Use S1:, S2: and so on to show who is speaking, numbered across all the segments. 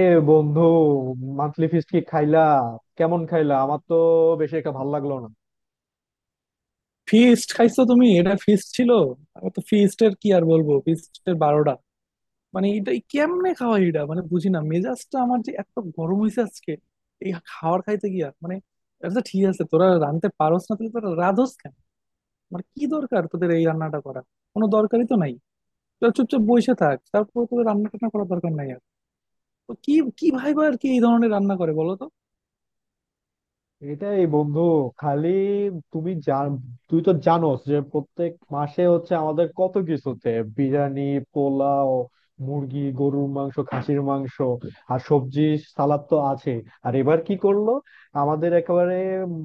S1: এ বন্ধু, monthly feast কি খাইলা? কেমন খাইলা? আমার তো বেশি একটা ভালো লাগলো না।
S2: ফিস্ট খাইছো তুমি? এটা ফিস্ট ছিল? আমি তো ফিস্টের কি আর বলবো, ফিস্টের বারোটা। মানে এটা কেমনে খাওয়া, এটা মানে বুঝি না। মেজাজটা আমার যে এত গরম হয়েছে আজকে এই খাবার খাইতে গিয়া, মানে আচ্ছা ঠিক আছে, তোরা রাঁধতে পারোস না তাহলে তোরা রাঁধোস কেন? মানে কি দরকার তোদের এই রান্নাটা করা? কোনো দরকারই তো নাই। তোরা চুপচাপ বসে থাক, তারপর তোদের রান্না টান্না করার দরকার নাই আর। তো কি, কি ভাই? আর কি এই ধরনের রান্না করে বলো তো?
S1: এটাই বন্ধু, খালি তুমি জান, তুই তো জানোস যে প্রত্যেক মাসে হচ্ছে আমাদের কত কিছুতে বিরিয়ানি, পোলাও, মুরগি, গরুর মাংস, খাসির মাংস আর সবজি, সালাদ তো আছে। আর এবার কি করলো আমাদের একেবারে উম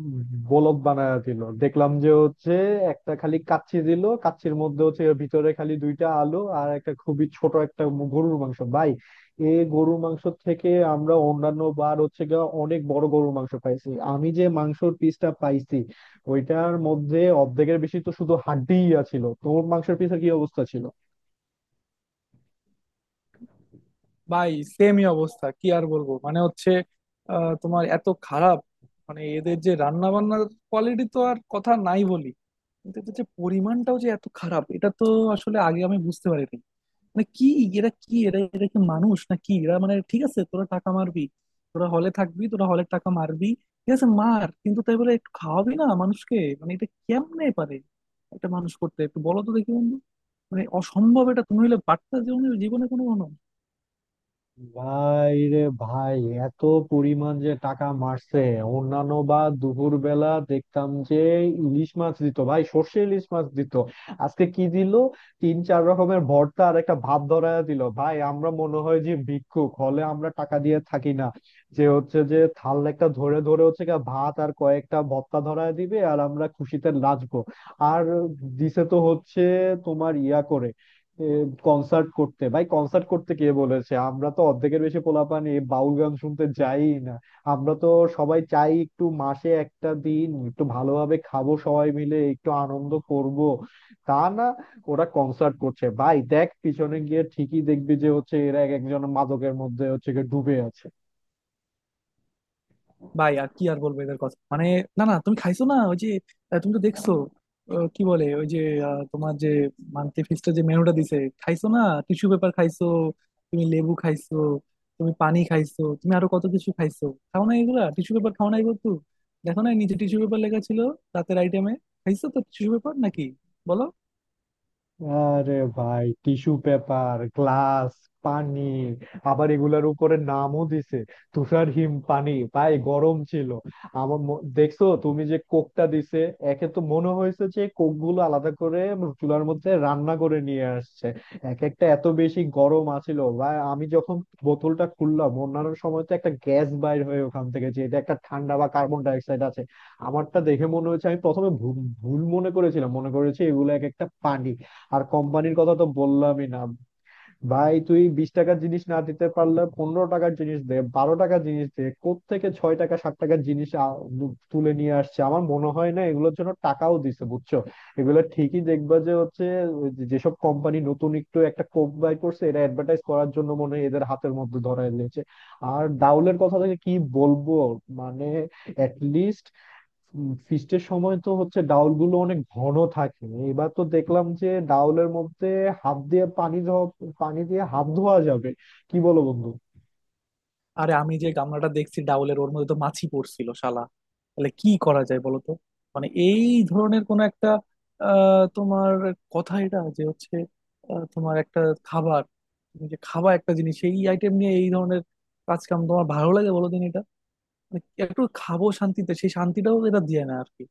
S1: বলদ বানায় দিল। দেখলাম যে হচ্ছে একটা খালি কাচ্চি দিল, কাচ্চির মধ্যে হচ্ছে ভিতরে খালি দুইটা আলু আর একটা খুবই ছোট একটা গরুর মাংস ভাই। এ, গরুর মাংস থেকে আমরা অন্যান্য বার হচ্ছে গিয়ে অনেক বড় গরুর মাংস পাইছি। আমি যে মাংসর পিসটা পাইছি ওইটার মধ্যে অর্ধেকের বেশি তো শুধু হাড্ডিই ছিল। তোর মাংসের পিসের কি অবস্থা ছিল?
S2: ভাই সেমই অবস্থা, কি আর বলবো, মানে হচ্ছে তোমার এত খারাপ, মানে এদের যে রান্না বান্নার কোয়ালিটি তো আর কথা নাই বলি, কিন্তু এদের যে পরিমাণটাও যে এত খারাপ এটা তো আসলে আগে আমি বুঝতে পারিনি। মানে কি এরা, কি এরা এরা কি মানুষ না কি এরা মানে, ঠিক আছে তোরা টাকা মারবি, তোরা হলে থাকবি, তোরা হলের টাকা মারবি, ঠিক আছে মার, কিন্তু তাই বলে একটু খাওয়াবি না মানুষকে? মানে এটা কেমনে পারে একটা মানুষ করতে, একটু বলো তো দেখি বন্ধু। মানে অসম্ভব এটা, তুমি হলে পারতা জীবনে? জীবনে কোনো কোনো।
S1: ভাই রে ভাই, এত পরিমাণ যে টাকা মারছে। অন্যান্য বা দুপুর বেলা দেখতাম যে ইলিশ মাছ দিত ভাই, সর্ষে ইলিশ মাছ দিত। আজকে কি দিল? তিন চার রকমের ভর্তা আর একটা ভাত ধরায় দিল ভাই। আমরা মনে হয় যে ভিক্ষুক, হলে আমরা টাকা দিয়ে থাকি না যে হচ্ছে যে থাল একটা ধরে ধরে হচ্ছে গিয়ে ভাত আর কয়েকটা ভর্তা ধরায় দিবে আর আমরা খুশিতে নাচবো। আর দিছে তো হচ্ছে তোমার ইয়া করে কনসার্ট করতে। ভাই কনসার্ট করতে কে বলেছে? আমরা তো অর্ধেকের বেশি পোলাপান এই বাউল গান শুনতে যাই না। আমরা তো সবাই চাই একটু মাসে একটা দিন একটু ভালোভাবে খাবো, সবাই মিলে একটু আনন্দ করব। তা না, ওরা কনসার্ট করছে ভাই। দেখ, পিছনে গিয়ে ঠিকই দেখবি যে হচ্ছে এরা এক একজন মাদকের মধ্যে হচ্ছে গিয়ে ডুবে আছে।
S2: ভাই আর কি আর বলবো এদের কথা, মানে না না, তুমি খাইছো না ওই যে, তুমি তো দেখছো, কি বলে ওই যে, তোমার যে মান্থলি ফিক্সটা, যে মেনুটা দিছে, খাইছো না? টিস্যু পেপার খাইছো, তুমি লেবু খাইছো, তুমি পানি খাইছো, তুমি আরো কত কিছু খাইছো। খাও না এগুলা, টিস্যু পেপার খাও না এগুলো তো। দেখো না নিচে টিস্যু পেপার লেখা ছিল রাতের আইটেমে? খাইছো তো টিস্যু পেপার নাকি? বলো।
S1: আরে ভাই, টিস্যু পেপার, গ্লাস, পানি, আবার এগুলার উপরে নামও দিছে তুষার হিম পানি। ভাই গরম ছিল। দেখছো তুমি যে কোকটা দিছে? একে তো মনে হয়েছে যে কোক গুলো আলাদা করে চুলার মধ্যে রান্না করে নিয়ে আসছে। এক একটা এত বেশি গরম আছিল ভাই। আমি যখন বোতলটা খুললাম, অন্যান্য সময় তো একটা গ্যাস বাইর হয়ে ওখান থেকে যে এটা একটা ঠান্ডা বা কার্বন ডাই অক্সাইড আছে, আমারটা দেখে মনে হচ্ছে আমি প্রথমে ভুল ভুল মনে করেছিলাম, মনে করেছি এগুলো এক একটা পানি। আর কোম্পানির কথা তো বললামই না। ভাই তুই 20 টাকার জিনিস না দিতে পারলে 15 টাকার জিনিস দে, 12 টাকার জিনিস দে, কোত্থেকে ছয় টাকা, সাত টাকার জিনিস তুলে নিয়ে আসছে। আমার মনে হয় না এগুলোর জন্য টাকাও দিছে, বুঝছো? এগুলো ঠিকই দেখবা যে হচ্ছে যেসব কোম্পানি নতুন একটু একটা কোক বাই করছে, এটা অ্যাডভার্টাইজ করার জন্য মনে হয় এদের হাতের মধ্যে ধরায় দিয়েছে। আর ডাউলের কথা থেকে কি বলবো, মানে লিস্ট, ফিস্টের সময় তো হচ্ছে ডাউল গুলো অনেক ঘন থাকে, এবার তো দেখলাম যে ডাউলের মধ্যে হাত দিয়ে পানি ধোয়া, পানি দিয়ে হাত ধোয়া যাবে। কি বলো বন্ধু?
S2: আরে আমি যে গামলাটা দেখছি ডাউলের, ওর মধ্যে তো মাছি পড়ছিল শালা। তাহলে কি করা যায় বলো তো? মানে এই ধরনের কোন একটা, তোমার কথা, এটা যে হচ্ছে তোমার একটা খাবার, তুমি যে খাবা একটা জিনিস, এই আইটেম নিয়ে এই ধরনের কাজ কাম তোমার ভালো লাগে বলো? দিন এটা, মানে একটু খাবো শান্তিতে, সেই শান্তিটাও এটা দিয়ে না আর কি।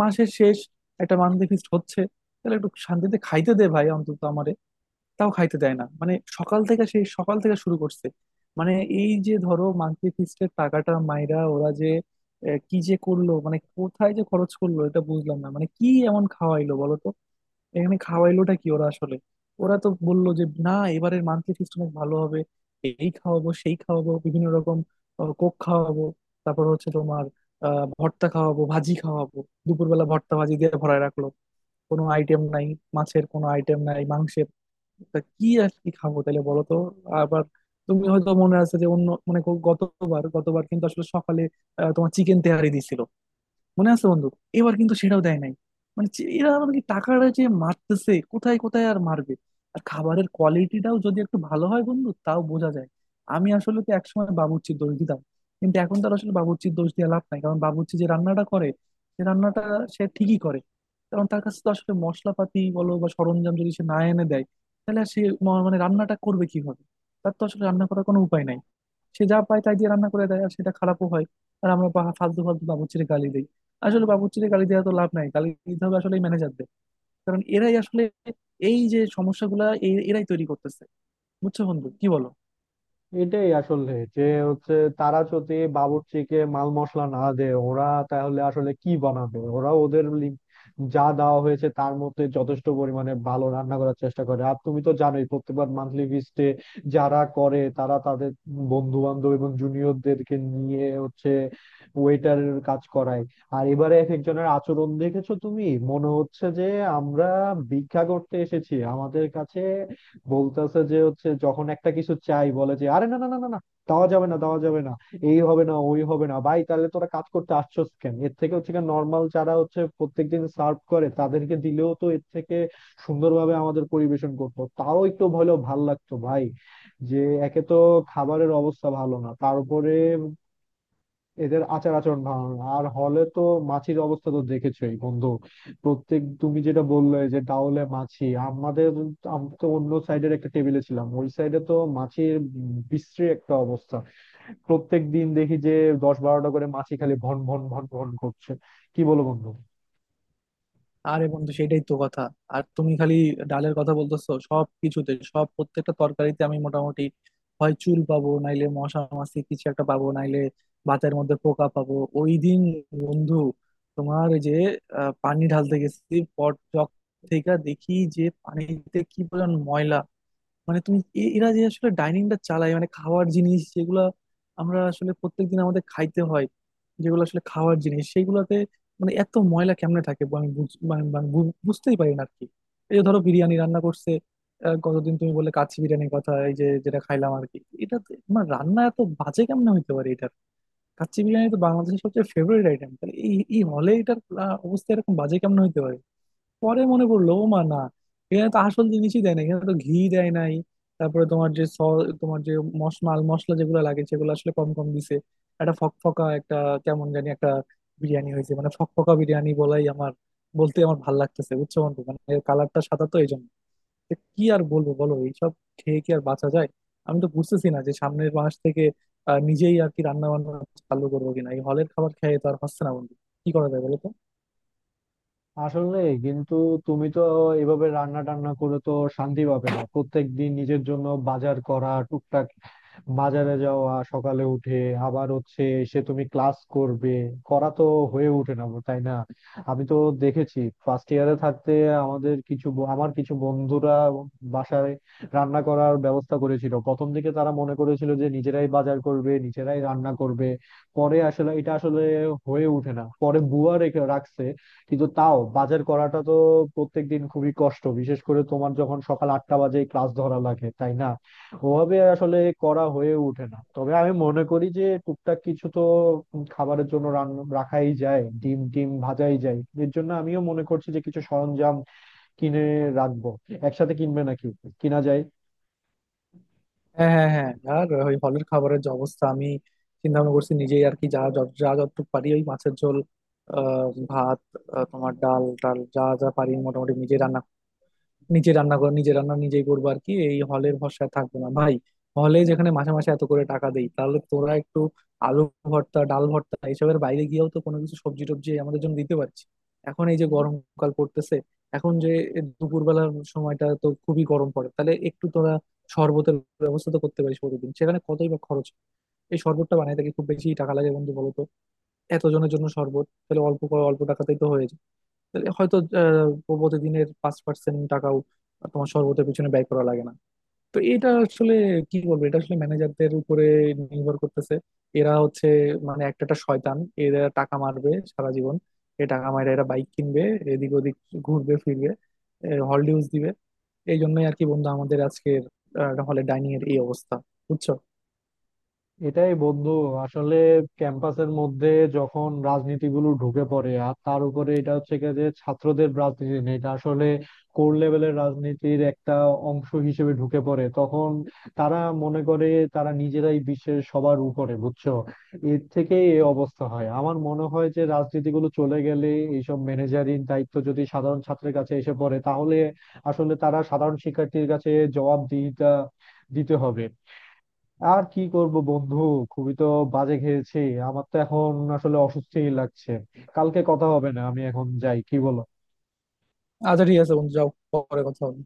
S2: মাসের শেষ একটা মান্থলি ফিস্ট হচ্ছে, তাহলে একটু শান্তিতে খাইতে দে ভাই অন্তত আমার। তাও খাইতে দেয় না, মানে সকাল থেকে, সেই সকাল থেকে শুরু করছে। মানে এই যে ধরো মান্থলি ফিস্টের টাকাটা মাইরা ওরা যে কি যে করলো, মানে কোথায় যে খরচ করলো এটা বুঝলাম না, মানে কি এমন খাওয়াইলো বলো তো? এখানে খাওয়াইলোটা কি ওরা আসলে? ওরা তো বললো যে না, এবারের মান্থলি ফিস্ট অনেক ভালো হবে, এই খাওয়াবো সেই খাওয়াবো বিভিন্ন রকম, কোক খাওয়াবো, তারপর হচ্ছে তোমার ভর্তা খাওয়াবো ভাজি খাওয়াবো। দুপুরবেলা ভর্তা ভাজি দিয়ে ভরায় রাখলো, কোনো আইটেম নাই, মাছের কোনো আইটেম নাই, মাংসের। তা কি আর কি খাবো তাহলে বলো তো? আবার তুমি হয়তো মনে আছে যে অন্য, মানে গ- গতবার গতবার কিন্তু আসলে সকালে তোমার চিকেন তেহারি দিছিল, মনে আছে বন্ধু? এবার কিন্তু সেটাও দেয় নাই। মানে এরা আমাদেরকে টাকাটা যে মারতেছে, কোথায় কোথায় আর মারবে? আর খাবারের কোয়ালিটিটাও যদি একটু ভালো হয় বন্ধু, তাও বোঝা যায়। আমি আসলে তো একসময় বাবুর্চির দোষ দিতাম, কিন্তু এখন তার আসলে বাবুর্চির দোষ দিয়ে লাভ নাই। কারণ বাবুর্চি যে রান্নাটা করে, সে রান্নাটা সে ঠিকই করে। কারণ তার কাছে তো আসলে মশলাপাতি বলো বা সরঞ্জাম যদি সে না এনে দেয়, তাহলে আর সে মানে রান্নাটা করবে কিভাবে? তার তো আসলে রান্না করার কোনো উপায় নাই। সে যা পায় তাই দিয়ে রান্না করে দেয়, আর সেটা খারাপও হয়। আর আমরা ফালতু ফালতু বাবুর্চির গালি দিই। আসলে বাবুর্চিরে গালি দেওয়া তো লাভ নাই, গালি দিতে হবে আসলে ম্যানেজারদের। কারণ এরাই আসলে এই যে সমস্যাগুলা, এরাই তৈরি করতেছে। বুঝছো বন্ধু, কি বলো?
S1: এটাই আসলে যে হচ্ছে তারা যদি বাবুর্চিকে মাল মশলা না দেয় ওরা, তাহলে আসলে কি বানাবে ওরা? যা দেওয়া হয়েছে তার মধ্যে যথেষ্ট পরিমাণে ভালো রান্না করার চেষ্টা করে। আর তুমি তো জানোই প্রত্যেকবার মান্থলি ফিস্টে যারা করে তারা তাদের বন্ধু বান্ধব এবং জুনিয়রদেরকে নিয়ে হচ্ছে ওয়েটারের কাজ করায়। আর এবারে এক একজনের আচরণ দেখেছো তুমি? মনে হচ্ছে যে আমরা ভিক্ষা করতে এসেছি। আমাদের কাছে বলতেছে যে হচ্ছে, যখন একটা কিছু চাই বলে যে আরে না না না না না, দেওয়া যাবে না, দেওয়া যাবে না, এই হবে না, ওই হবে না। ভাই তাহলে তোরা কাজ করতে আসছোস কেন? এর থেকে হচ্ছে নর্মাল যারা হচ্ছে প্রত্যেকদিন সার্ভ করে তাদেরকে দিলেও তো এর থেকে সুন্দরভাবে আমাদের পরিবেশন করতো, তাও একটু হলেও ভাল লাগতো ভাই। যে একে তো খাবারের অবস্থা ভালো না, তারপরে এদের আচার আচরণ ভালো না। আর হলে তো মাছির অবস্থা তো দেখেছোই বন্ধু। প্রত্যেক তুমি যেটা বললে যে ডাউলে মাছি, আমাদের আমি তো অন্য সাইডের একটা টেবিলে ছিলাম, ওই সাইডে তো মাছির বিশ্রী একটা অবস্থা। প্রত্যেক দিন দেখি যে 10-12টা করে মাছি খালি ভন ভন ভন ভন করছে। কি বলো বন্ধু?
S2: আরে বন্ধু সেটাই তো কথা। আর তুমি খালি ডালের কথা বলতেছো, সব কিছুতে, সব প্রত্যেকটা তরকারিতে আমি মোটামুটি হয় চুল পাবো, নাইলে মশা মাছি কিছু একটা পাবো, নাইলে ভাতের মধ্যে পোকা পাবো। ওই দিন বন্ধু, তোমার এই যে পানি ঢালতে গেছি পট জগ থেকে, দেখি যে পানিতে কি পরিমাণ ময়লা! মানে তুমি এরা যে আসলে ডাইনিংটা চালায়, মানে খাওয়ার জিনিস যেগুলা আমরা আসলে প্রত্যেকদিন আমাদের খাইতে হয়, যেগুলো আসলে খাওয়ার জিনিস সেইগুলাতে মানে এত ময়লা কেমনে থাকে? বু- আমি বুঝ- মানে- মানে বু- বুঝতেই পারি না আর কি। এই যে ধরো বিরিয়ানি রান্না করছে, গতদিন তুমি বললে কাচ্চি বিরিয়ানির কথা, এই যে যেটা খাইলাম আর কি, মানে রান্না এত বাজে কেমনে হইতে পারে এটার? কাচ্চি বিরিয়ানি তো বাংলাদেশের সবচেয়ে ফেভারিট আইটেম, তাহলে এই এই হলে এটার অবস্থা এরকম বাজে কেমনে হইতে পারে? পরে মনে পড়লো, ও মা না, এখানে তো আসল জিনিসই দেয় না, এখানে তো ঘি দেয় নাই। তারপরে তোমার যে স তোমার যে মশ মাল মশলা যেগুলো লাগে সেগুলো আসলে কম কম দিছে। একটা ফকফকা, একটা কেমন জানি একটা বিরিয়ানি হয়েছে, মানে ফকফকা বিরিয়ানি বলাই আমার, বলতে আমার ভাল লাগতেছে, বুঝছো বন্ধু। মানে এর কালারটা সাদা তো এই জন্য। তো কি আর বলবো বলো, এইসব খেয়ে কি আর বাঁচা যায়? আমি তো বুঝতেছি না যে সামনের মাস থেকে নিজেই আর কি রান্না বান্না চালু করবো কিনা, এই হলের খাবার খেয়ে তো আর হচ্ছে না বন্ধু। কি করা যায় বলো তো?
S1: আসলে কিন্তু তুমি তো এভাবে রান্না টান্না করে তো শান্তি পাবে না। প্রত্যেক দিন নিজের জন্য বাজার করা, টুকটাক বাজারে যাওয়া, সকালে উঠে আবার হচ্ছে, সে তুমি ক্লাস করবে, করা তো হয়ে ওঠে না, তাই না? আমি তো দেখেছি ফার্স্ট ইয়ারে থাকতে আমার কিছু বন্ধুরা বাসায় রান্না করার ব্যবস্থা করেছিল। প্রথম দিকে তারা মনে করেছিল যে নিজেরাই বাজার করবে, নিজেরাই রান্না করবে, পরে আসলে এটা আসলে হয়ে ওঠে না, পরে বুয়া রেখে রাখছে। কিন্তু তাও বাজার করাটা তো প্রত্যেকদিন খুবই কষ্ট, বিশেষ করে তোমার যখন সকাল 8টা বাজে ক্লাস ধরা লাগে, তাই না? ওভাবে আসলে করা হয়ে ওঠে না। তবে আমি মনে করি যে টুকটাক কিছু তো খাবারের জন্য রান্না রাখাই যায়, ডিম টিম ভাজাই যায়। এর জন্য আমিও মনে করছি যে কিছু সরঞ্জাম কিনে রাখবো। একসাথে কিনবে নাকি? কিনা যায়।
S2: হ্যাঁ, হ্যাঁ, হ্যাঁ, আর ওই হলের খাবারের যে অবস্থা, আমি চিন্তা ভাবনা করছি নিজেই আর কি, যা যতটুকু পারি, ওই মাছের ঝোল, আহ, ভাত, তোমার ডাল টাল, যা যা পারি মোটামুটি নিজেই রান্না, নিজে রান্না করে নিজে রান্না নিজেই করবো আর কি, এই হলের ভরসায় থাকবো না ভাই। হলে যেখানে মাসে মাসে এত করে টাকা দেই, তাহলে তোরা একটু আলু ভর্তা, ডাল ভর্তা এসবের বাইরে গিয়েও তো কোনো কিছু সবজি টবজি আমাদের জন্য দিতে পারছি। এখন এই যে গরমকাল পড়তেছে, এখন যে দুপুরবেলার সময়টা তো খুবই গরম পড়ে, তাহলে একটু তোরা শরবতের ব্যবস্থা তো করতে পারিস প্রতিদিন। সেখানে কতই বা খরচ, এই শরবতটা বানাইতে কি খুব বেশি টাকা লাগে বন্ধু বলো তো? এতজনের জন্য শরবত, তাহলে অল্প টাকাতেই তো হয়ে যায়। তাহলে হয়তো আহ, প্রতিদিনের 5% টাকাও তোমার শরবতের পিছনে ব্যয় করা লাগে না। তো এটা আসলে কি বলবো, এটা আসলে ম্যানেজারদের উপরে নির্ভর করতেছে। এরা হচ্ছে মানে একটা একটা শয়তান, এরা টাকা মারবে সারা জীবন। এ টাকা মাইরা এরা বাইক কিনবে, এদিক ওদিক ঘুরবে ফিরবে, হল ডিউজ দিবে। এই জন্যই আর কি বন্ধু আমাদের আজকের হলে ডাইনিং এর এই অবস্থা, বুঝছো।
S1: এটাই বন্ধু, আসলে ক্যাম্পাসের মধ্যে যখন রাজনীতিগুলো ঢুকে পড়ে, আর তার উপরে এটা হচ্ছে গিয়ে যে ছাত্রদের রাজনীতি না, এটা আসলে কোর লেভেলের রাজনীতির একটা অংশ হিসেবে ঢুকে পড়ে, তখন তারা মনে করে তারা নিজেরাই বিশ্বের সবার উপরে, বুঝছো? এর থেকে এই অবস্থা হয়। আমার মনে হয় যে রাজনীতিগুলো চলে গেলে এইসব ম্যানেজারিং দায়িত্ব যদি সাধারণ ছাত্রের কাছে এসে পড়ে, তাহলে আসলে তারা সাধারণ শিক্ষার্থীর কাছে জবাবদিহিতা দিতে হবে। আর কি করব বন্ধু, খুবই তো বাজে খেয়েছি। আমার তো এখন আসলে অসুস্থই লাগছে। কালকে কথা হবে, না আমি এখন যাই, কি বলো?
S2: আচ্ছা ঠিক আছে বন্ধু, যাও, পরে কথা হবে।